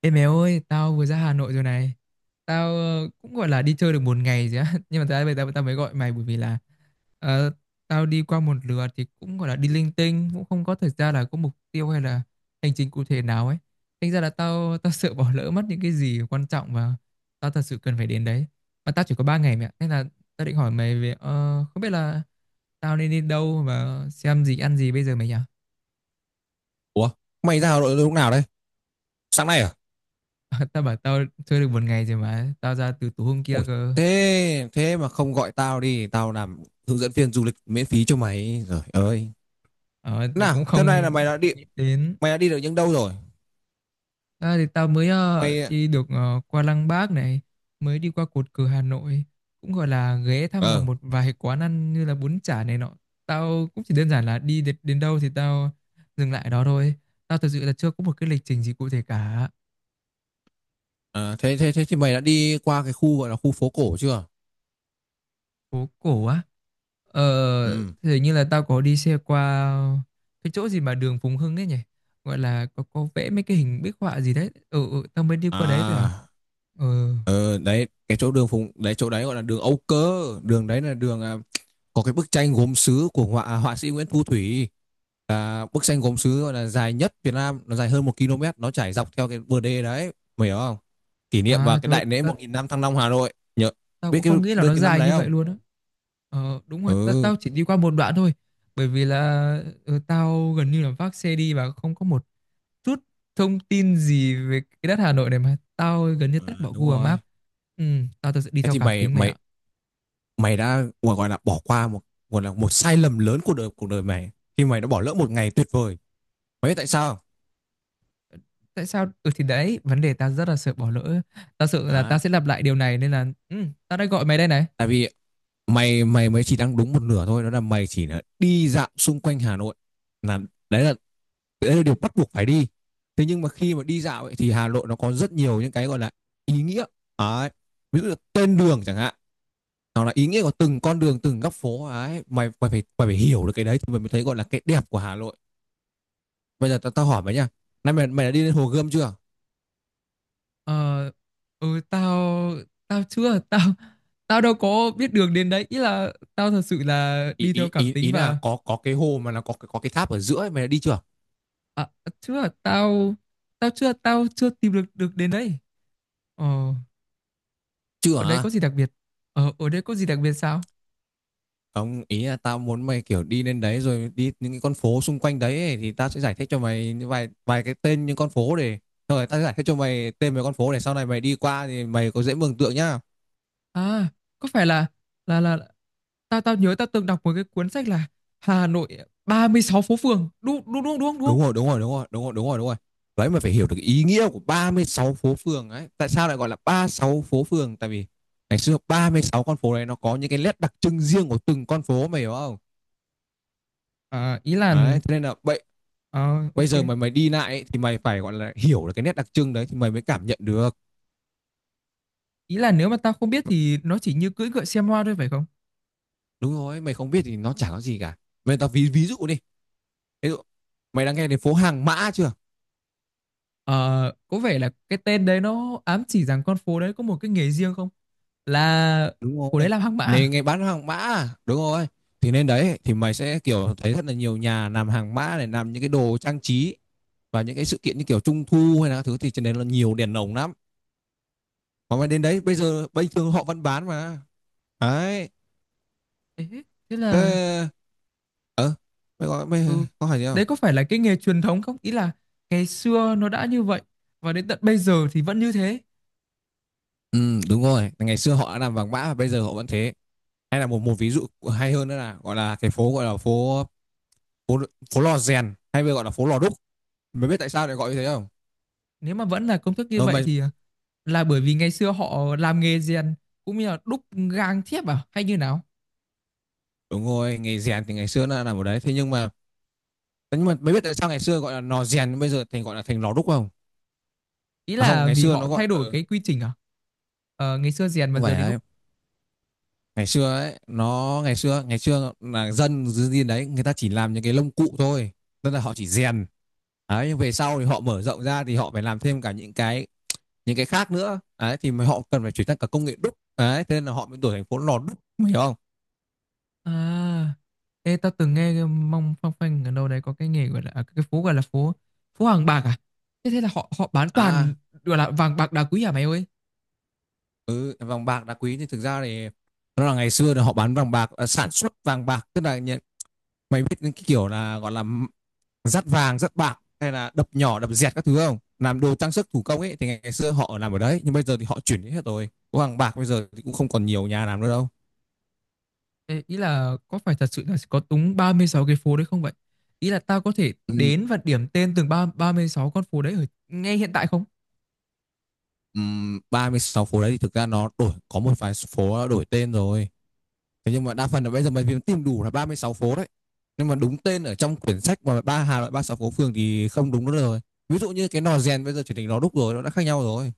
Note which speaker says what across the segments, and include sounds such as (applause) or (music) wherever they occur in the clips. Speaker 1: Ê mèo ơi, tao vừa ra Hà Nội rồi này. Tao cũng gọi là đi chơi được một ngày rồi á. (laughs) Nhưng mà tại bây giờ tao tao mới gọi mày bởi vì là ờ, tao đi qua một lượt thì cũng gọi là đi linh tinh, cũng không có thời gian là có mục tiêu hay là hành trình cụ thể nào ấy. Thành ra là tao tao sợ bỏ lỡ mất những cái gì quan trọng và tao thật sự cần phải đến đấy. Mà tao chỉ có 3 ngày mẹ, nên là tao định hỏi mày về không biết là tao nên đi đâu và xem gì ăn gì bây giờ mày nhỉ?
Speaker 2: Ủa, mày ra Hà Nội lúc nào đấy? Sáng nay à?
Speaker 1: (laughs) Tao bảo tao chơi được một ngày rồi mà tao ra từ tối hôm kia
Speaker 2: Ủa,
Speaker 1: cơ.
Speaker 2: thế thế mà không gọi tao đi, tao làm hướng dẫn viên du lịch miễn phí cho mày. Rồi ơi.
Speaker 1: Ờ, thì
Speaker 2: Nào,
Speaker 1: cũng
Speaker 2: thế này
Speaker 1: không
Speaker 2: là mày
Speaker 1: không
Speaker 2: đã
Speaker 1: có
Speaker 2: đi
Speaker 1: nghĩ đến.
Speaker 2: mày đã đi được những đâu rồi?
Speaker 1: À, thì tao mới
Speaker 2: Mày
Speaker 1: đi được qua Lăng Bác này, mới đi qua cột cờ Hà Nội, cũng gọi là ghé thăm vào
Speaker 2: ờ
Speaker 1: một vài quán ăn như là bún chả này nọ. Tao cũng chỉ đơn giản là đi đến, đến đâu thì tao dừng lại đó thôi. Tao thực sự là chưa có một cái lịch trình gì cụ thể cả.
Speaker 2: thế thế thế thì mày đã đi qua cái khu gọi là khu phố cổ chưa?
Speaker 1: Phố cổ á. Ờ,
Speaker 2: Ừ.
Speaker 1: thì như là tao có đi xe qua cái chỗ gì mà đường Phùng Hưng ấy nhỉ? Gọi là có vẽ mấy cái hình bích họa gì đấy. Ừ, ừ tao mới đi qua đấy thôi à.
Speaker 2: À,
Speaker 1: Ừ.
Speaker 2: đấy, cái chỗ đấy chỗ đấy gọi là đường Âu Cơ, đường đấy là có cái bức tranh gốm sứ của họa sĩ Nguyễn Thu Thủy. Là bức tranh gốm sứ gọi là dài nhất Việt Nam, nó dài hơn 1 km, nó trải dọc theo cái bờ đê đấy, mày hiểu không? Kỷ niệm
Speaker 1: À
Speaker 2: vào cái
Speaker 1: trời ơi,
Speaker 2: đại lễ 1.000 năm Thăng Long Hà Nội nhớ.
Speaker 1: tao
Speaker 2: biết
Speaker 1: cũng
Speaker 2: cái
Speaker 1: không nghĩ là
Speaker 2: biết
Speaker 1: nó
Speaker 2: cái năm
Speaker 1: dài
Speaker 2: đấy
Speaker 1: như
Speaker 2: không?
Speaker 1: vậy luôn á. Ờ, đúng rồi,
Speaker 2: ừ
Speaker 1: tao chỉ đi qua một đoạn thôi. Bởi vì là tao gần như là vác xe đi và không có một chút thông tin gì về cái đất Hà Nội này mà tao gần như
Speaker 2: ờ,
Speaker 1: tắt bỏ
Speaker 2: đúng
Speaker 1: Google
Speaker 2: rồi.
Speaker 1: Maps. Ừ, tao thật sự đi
Speaker 2: Thế
Speaker 1: theo
Speaker 2: thì
Speaker 1: cảm
Speaker 2: mày
Speaker 1: tính mày
Speaker 2: mày
Speaker 1: ạ.
Speaker 2: mày đã gọi là bỏ qua một, gọi là một sai lầm lớn của cuộc đời mày khi mày đã bỏ lỡ một ngày tuyệt vời. Mày biết tại sao không?
Speaker 1: Tại sao? Ừ thì đấy, vấn đề tao rất là sợ bỏ lỡ. Tao sợ là tao
Speaker 2: Đấy.
Speaker 1: sẽ lặp lại điều này nên là ừ, tao đã gọi mày đây này.
Speaker 2: Tại vì mày mày mới chỉ đang đúng một nửa thôi, đó là mày chỉ là đi dạo xung quanh Hà Nội, là đấy là đấy là điều bắt buộc phải đi. Thế nhưng mà khi mà đi dạo ấy, thì Hà Nội nó có rất nhiều những cái gọi là ý nghĩa đấy. Ví dụ là tên đường chẳng hạn, hoặc là ý nghĩa của từng con đường từng góc phố ấy, mày mày phải hiểu được cái đấy thì mày mới thấy gọi là cái đẹp của Hà Nội. Bây giờ tao tao hỏi mày nha, nay mày mày đã đi lên hồ Gươm chưa?
Speaker 1: Ờ, ừ, tao tao chưa tao tao đâu có biết đường đến đấy, ý là tao thật sự là
Speaker 2: ý
Speaker 1: đi
Speaker 2: ý
Speaker 1: theo
Speaker 2: ý
Speaker 1: cảm tính
Speaker 2: ý là
Speaker 1: và
Speaker 2: có cái hồ mà nó có cái tháp ở giữa ấy, mày đã đi chưa?
Speaker 1: à, chưa tao chưa. Tao chưa tìm được được đến đấy. ờ,
Speaker 2: Chưa
Speaker 1: ở đây
Speaker 2: hả?
Speaker 1: có gì đặc biệt Ở đây có gì đặc biệt sao?
Speaker 2: Không, ý là tao muốn mày kiểu đi lên đấy rồi đi những cái con phố xung quanh đấy ấy, thì tao sẽ giải thích cho mày những vài vài cái tên những con phố để, rồi tao sẽ giải thích cho mày tên mấy con phố để sau này mày đi qua thì mày có dễ mường tượng nhá.
Speaker 1: À, có phải là là tao tao nhớ tao từng đọc một cái cuốn sách là Hà Nội 36 phố phường, đúng đúng đúng đúng đúng không?
Speaker 2: Đúng rồi, đúng rồi, đúng rồi, đúng rồi, đúng rồi, đúng rồi. Đấy, mày phải hiểu được ý nghĩa của 36 phố phường ấy. Tại sao lại gọi là 36 phố phường? Tại vì ngày xưa 36 con phố này nó có những cái nét đặc trưng riêng của từng con phố, mày hiểu không?
Speaker 1: À, ý là
Speaker 2: Đấy, thế nên là bây
Speaker 1: ờ,
Speaker 2: bây
Speaker 1: ok,
Speaker 2: giờ mày mày đi lại ấy, thì mày phải gọi là hiểu được cái nét đặc trưng đấy thì mày mới cảm nhận được.
Speaker 1: ý là nếu mà tao không biết thì nó chỉ như cưỡi ngựa xem hoa thôi phải không?
Speaker 2: Đúng rồi, mày không biết thì nó chẳng có gì cả. Tao ví ví dụ đi, ví dụ mày đã nghe đến phố hàng mã chưa?
Speaker 1: Ờ, có vẻ là cái tên đấy nó ám chỉ rằng con phố đấy có một cái nghề riêng không? Là
Speaker 2: Đúng
Speaker 1: phố đấy
Speaker 2: rồi.
Speaker 1: làm hang mã
Speaker 2: Nên
Speaker 1: à?
Speaker 2: nghe bán hàng mã à? Đúng rồi. Thì nên đấy thì mày sẽ kiểu thấy rất là nhiều nhà làm hàng mã này, làm những cái đồ trang trí và những cái sự kiện như kiểu trung thu hay là các thứ, thì trên đấy là nhiều đèn lồng lắm mà, mày đến đấy bây giờ bình thường họ vẫn bán mà. Đấy,
Speaker 1: Thế, thế là
Speaker 2: thế ờ mày có
Speaker 1: ừ,
Speaker 2: có hỏi gì không?
Speaker 1: đấy có phải là cái nghề truyền thống không? Ý là ngày xưa nó đã như vậy và đến tận bây giờ thì vẫn như thế.
Speaker 2: Ừ, đúng rồi. Ngày xưa họ đã làm vàng mã và bây giờ họ vẫn thế. Hay là một một ví dụ hay hơn nữa là gọi là cái phố gọi là phố phố phố lò rèn hay bây gọi là phố lò đúc. Mày biết tại sao lại gọi như thế không?
Speaker 1: Nếu mà vẫn là công thức như
Speaker 2: Ờ
Speaker 1: vậy
Speaker 2: mày
Speaker 1: thì à, là bởi vì ngày xưa họ làm nghề rèn cũng như là đúc gang thiếp à hay như nào?
Speaker 2: Đúng rồi, nghề rèn thì ngày xưa nó làm ở đấy. Thế nhưng mà Nhưng mà mày biết tại sao ngày xưa gọi là lò rèn bây giờ thành gọi là thành lò đúc không?
Speaker 1: Ý
Speaker 2: À không,
Speaker 1: là
Speaker 2: ngày
Speaker 1: vì
Speaker 2: xưa nó
Speaker 1: họ
Speaker 2: gọi
Speaker 1: thay đổi cái quy trình à? Ờ, ngày xưa rèn mà
Speaker 2: không phải
Speaker 1: giờ đi đúc.
Speaker 2: đấy. Ngày xưa ấy, ngày xưa là dân dưới điên đấy, người ta chỉ làm những cái lông cụ thôi. Tức là họ chỉ rèn. Đấy, nhưng về sau thì họ mở rộng ra thì họ phải làm thêm cả những cái khác nữa đấy, thì mà họ cần phải chuyển sang cả công nghệ đúc đấy, thế nên là họ mới đổi thành phố lò đúc, hiểu không?
Speaker 1: À, ê, tao từng nghe cái mong phong phanh ở đâu đấy có cái nghề gọi là à, cái phố gọi là phố phố vàng bạc à? Thế thế là họ họ bán toàn
Speaker 2: à
Speaker 1: gọi là vàng bạc đá quý à mày ơi?
Speaker 2: ừ, Vàng bạc đá quý thì thực ra thì nó là ngày xưa là họ bán vàng bạc, sản xuất vàng bạc, tức là nhận, mày biết những cái kiểu là gọi là dắt vàng dắt bạc hay là đập nhỏ đập dẹt các thứ không, làm đồ trang sức thủ công ấy, thì ngày xưa họ làm ở đấy nhưng bây giờ thì họ chuyển đi hết rồi, có vàng bạc bây giờ thì cũng không còn nhiều nhà làm nữa đâu.
Speaker 1: Ê, ý là có phải thật sự là có đúng 36 cái phố đấy không vậy? Ý là tao có thể
Speaker 2: Ừ,
Speaker 1: đến và điểm tên từng ba 36 con phố đấy ở ngay hiện tại không?
Speaker 2: 36 phố đấy thì thực ra nó đổi, có một vài phố đổi tên rồi. Thế nhưng mà đa phần là bây giờ mình tìm đủ là 36 phố đấy. Nhưng mà đúng tên ở trong quyển sách mà Hà Nội 36 phố phường thì không đúng nữa rồi. Ví dụ như cái nò rèn bây giờ chuyển thành lò đúc rồi, nó đã khác nhau rồi.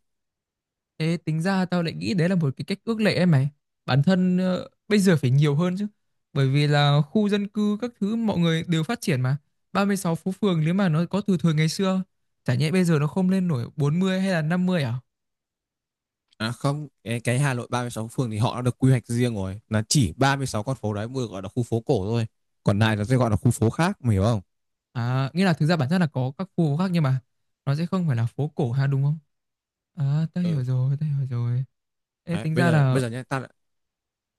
Speaker 1: Thế tính ra tao lại nghĩ đấy là một cái cách ước lệ ấy mày. Bản thân bây giờ phải nhiều hơn chứ. Bởi vì là khu dân cư các thứ mọi người đều phát triển mà. 36 phố phường nếu mà nó có từ thời ngày xưa, chả nhẽ bây giờ nó không lên nổi 40 hay là 50 à?
Speaker 2: À không, cái Hà Nội 36 phường thì họ đã được quy hoạch riêng rồi. Là chỉ 36 con phố đấy mới gọi là khu phố cổ thôi. Còn này là sẽ gọi là khu phố khác, mày hiểu không?
Speaker 1: À, nghĩa là thực ra bản chất là có các khu khác nhưng mà nó sẽ không phải là phố cổ ha đúng không? À, tao hiểu
Speaker 2: Ừ.
Speaker 1: rồi, tao hiểu rồi. Ê,
Speaker 2: Đấy,
Speaker 1: tính ra là
Speaker 2: bây giờ nhé, ta lại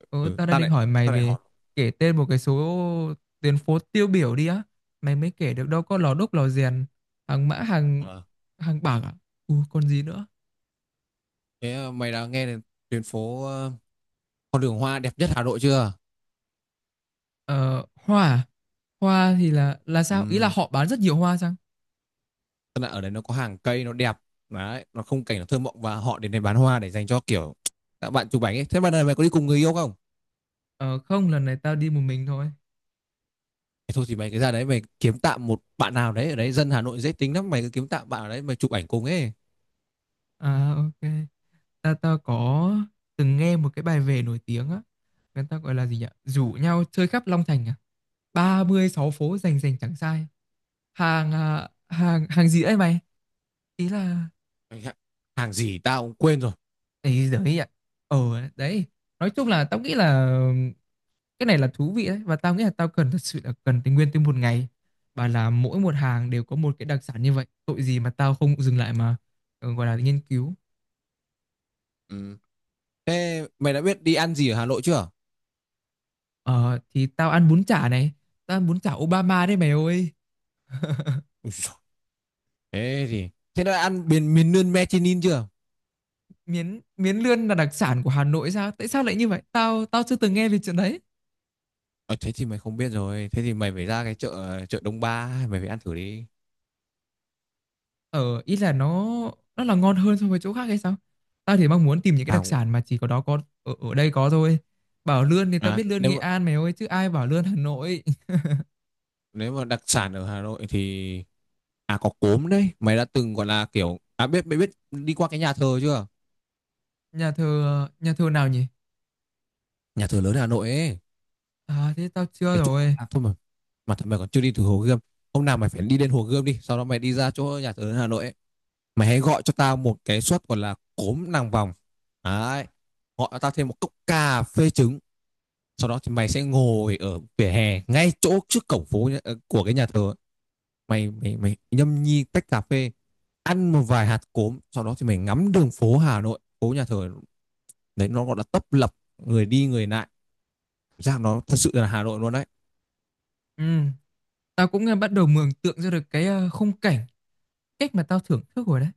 Speaker 1: ừ,
Speaker 2: ừ,
Speaker 1: tao đang
Speaker 2: ta
Speaker 1: định
Speaker 2: lại
Speaker 1: hỏi mày
Speaker 2: ta lại
Speaker 1: về
Speaker 2: hỏi.
Speaker 1: kể tên một cái số tuyến phố tiêu biểu đi á. Mày mới kể được đâu có Lò Đúc, Lò Rèn, Hàng Mã, Hàng
Speaker 2: Ờ.
Speaker 1: Hàng Bạc à? Ừ, còn gì nữa?
Speaker 2: Thế mày đã nghe đến tuyến phố, con đường hoa đẹp nhất Hà Nội chưa?
Speaker 1: Ờ, hoa à? Hoa thì là sao? Ý là
Speaker 2: Ừ.
Speaker 1: họ bán rất nhiều hoa chăng?
Speaker 2: Tức là ở đấy nó có hàng cây nó đẹp đấy, nó không cảnh nó thơ mộng và họ đến đây bán hoa để dành cho kiểu các bạn chụp ảnh ấy. Thế mà này, mày có đi cùng người yêu không?
Speaker 1: Ờ, không, lần này tao đi một mình thôi.
Speaker 2: Thôi thì mày cái ra đấy mày kiếm tạm một bạn nào đấy ở đấy, dân Hà Nội dễ tính lắm, mày cứ kiếm tạm bạn ở đấy mày chụp ảnh cùng ấy.
Speaker 1: À, ok. Ta ta có từng nghe một cái bài về nổi tiếng á. Người ta gọi là gì nhỉ? Rủ nhau chơi khắp Long Thành à? 36 phố rành rành chẳng sai. Hàng à, hàng hàng gì đấy mày? Ý là
Speaker 2: Hàng gì tao cũng quên rồi.
Speaker 1: ấy giời ạ. Ờ, đấy. Nói chung là tao nghĩ là cái này là thú vị đấy, và tao nghĩ là tao cần, thật sự là cần tình nguyên từ một ngày, và là mỗi một hàng đều có một cái đặc sản như vậy, tội gì mà tao không dừng lại mà gọi là nghiên cứu.
Speaker 2: Ừ. Thế mày đã biết đi ăn gì ở Hà Nội chưa?
Speaker 1: Ờ thì tao ăn bún chả này, tao ăn bún chả Obama đấy mày ơi.
Speaker 2: Thế đã ăn miền miền nướng Mechinin chưa?
Speaker 1: Miến miến lươn là đặc sản của Hà Nội sao? Tại sao lại như vậy? Tao tao chưa từng nghe về chuyện đấy.
Speaker 2: Ờ, Thế thì mày không biết rồi, thế thì mày phải ra cái chợ chợ Đông Ba mày phải ăn thử đi.
Speaker 1: Ờ, ý là nó là ngon hơn so với chỗ khác hay sao? Tao thì mong muốn tìm những cái đặc
Speaker 2: tao
Speaker 1: sản mà chỉ có đó có ở đây có thôi. Bảo lươn thì tao
Speaker 2: À,
Speaker 1: biết lươn Nghệ An mày ơi chứ ai bảo lươn Hà Nội. (laughs)
Speaker 2: nếu mà đặc sản ở Hà Nội thì, à có cốm đấy, mày đã từng gọi là kiểu à biết biết biết đi qua cái nhà thờ chưa?
Speaker 1: Nhà thờ nào nhỉ?
Speaker 2: Nhà thờ lớn Hà Nội ấy,
Speaker 1: À thế tao chưa
Speaker 2: cái chỗ mà
Speaker 1: rồi.
Speaker 2: à, thôi mà thật mày còn chưa đi từ Hồ Gươm. Hôm nào mày phải đi đến Hồ Gươm đi, sau đó mày đi ra chỗ nhà thờ lớn Hà Nội ấy, mày hãy gọi cho tao một cái suất gọi là cốm nàng vòng. Đấy. Gọi cho tao thêm một cốc cà phê trứng, sau đó thì mày sẽ ngồi ở vỉa hè ngay chỗ trước cổng phố, của cái nhà thờ. Mày mày Mày nhâm nhi tách cà phê, ăn một vài hạt cốm, sau đó thì mày ngắm đường phố Hà Nội, phố nhà thờ đấy, nó gọi là tấp lập người đi người lại, ra nó thật sự là Hà Nội luôn đấy.
Speaker 1: Ừ, tao cũng bắt đầu mường tượng ra được cái khung cảnh, cách mà tao thưởng thức rồi đấy.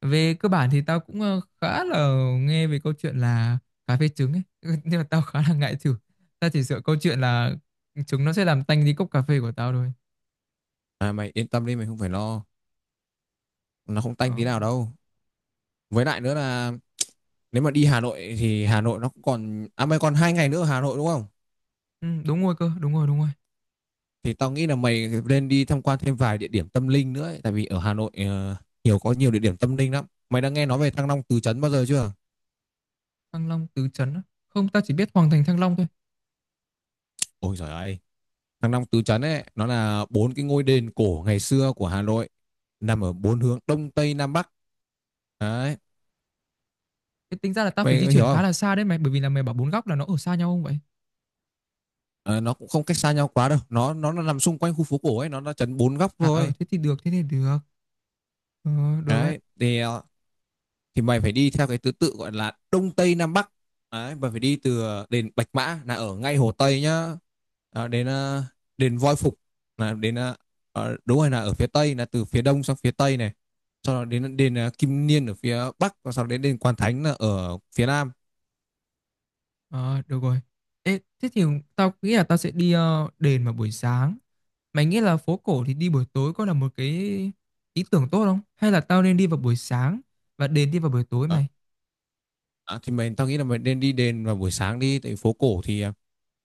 Speaker 1: Về cơ bản thì tao cũng khá là nghe về câu chuyện là cà phê trứng ấy (laughs) nhưng mà tao khá là ngại thử. Tao chỉ sợ câu chuyện là trứng nó sẽ làm tanh đi cốc cà phê của tao thôi.
Speaker 2: À, mày yên tâm đi, mày không phải lo, nó không
Speaker 1: ờ.
Speaker 2: tanh tí nào đâu. Với lại nữa là nếu mà đi Hà Nội thì Hà Nội nó còn à mày còn 2 ngày nữa ở Hà Nội đúng không?
Speaker 1: Ừ, đúng rồi cơ, đúng rồi, đúng rồi.
Speaker 2: Thì tao nghĩ là mày nên đi tham quan thêm vài địa điểm tâm linh nữa ấy. Tại vì ở Hà Nội, nhiều có nhiều địa điểm tâm linh lắm, mày đã nghe nói về Thăng Long Tứ Trấn bao giờ chưa?
Speaker 1: Thăng Long Tứ Trấn á. Không, tao chỉ biết Hoàng Thành Thăng Long thôi.
Speaker 2: Ôi giời ơi, Thăng Long Tứ Trấn ấy nó là bốn cái ngôi đền cổ ngày xưa của Hà Nội, nằm ở bốn hướng đông tây nam bắc đấy,
Speaker 1: Thế tính ra là tao phải di
Speaker 2: mày hiểu
Speaker 1: chuyển khá
Speaker 2: không?
Speaker 1: là xa đấy mày, bởi vì là mày bảo bốn góc là nó ở xa nhau không vậy?
Speaker 2: Ờ, nó cũng không cách xa nhau quá đâu, nó nằm xung quanh khu phố cổ ấy, nó chấn bốn góc
Speaker 1: À,
Speaker 2: thôi.
Speaker 1: thế thì được, thế thì được, ờ, được ấy,
Speaker 2: Đấy thì thì mày phải đi theo cái thứ tự gọi là đông tây nam bắc. Đấy mày phải đi từ đền Bạch Mã là ở ngay Hồ Tây nhá. Ờ, đến đền Voi Phục là đến đúng rồi, là ở phía tây, là từ phía đông sang phía tây này, sau đó đến đền Kim Niên ở phía bắc và sau đó đến đền Quan Thánh là ở phía nam.
Speaker 1: ờ, được rồi. Ê, thế thì tao nghĩ là tao sẽ đi đền vào buổi sáng. Mày nghĩ là phố cổ thì đi buổi tối có là một cái ý tưởng tốt không? Hay là tao nên đi vào buổi sáng và đi vào buổi tối
Speaker 2: Ờ,
Speaker 1: mày?
Speaker 2: à, thì tao nghĩ là mình nên đi đền vào buổi sáng đi tại phố cổ thì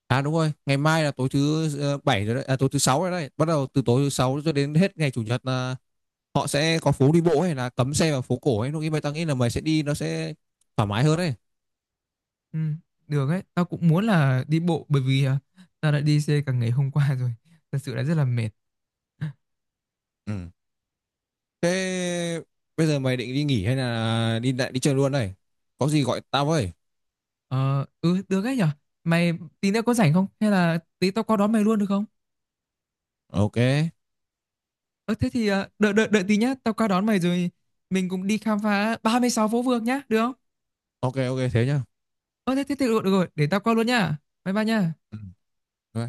Speaker 2: à đúng rồi ngày mai là tối thứ bảy rồi đấy, à, tối thứ sáu rồi đấy, bắt đầu từ tối thứ sáu cho đến hết ngày chủ nhật là họ sẽ có phố đi bộ hay là cấm xe vào phố cổ ấy, lúc ấy mày tao nghĩ là mày sẽ đi nó sẽ thoải mái hơn đấy.
Speaker 1: Ừ, được ấy, tao cũng muốn là đi bộ bởi vì à, tao đã đi xe cả ngày hôm qua rồi. Thật sự là rất là mệt.
Speaker 2: Ừ. Thế bây giờ mày định đi nghỉ hay là đi lại đi chơi luôn đây? Có gì gọi tao với.
Speaker 1: Ờ, ừ, được ấy nhở? Mày tí nữa có rảnh không? Hay là tí tao qua đón mày luôn được không?
Speaker 2: Ok
Speaker 1: Ờ, thế thì à, đợi, đợi, đợi tí nhá, tao qua đón mày rồi mình cùng đi khám phá 36 phố phường nhá, được không?
Speaker 2: ok ok thế nhá.
Speaker 1: Ờ, thế, thế, thế được, được rồi, để tao qua luôn nhá. Bye bye nhá.
Speaker 2: Ừ.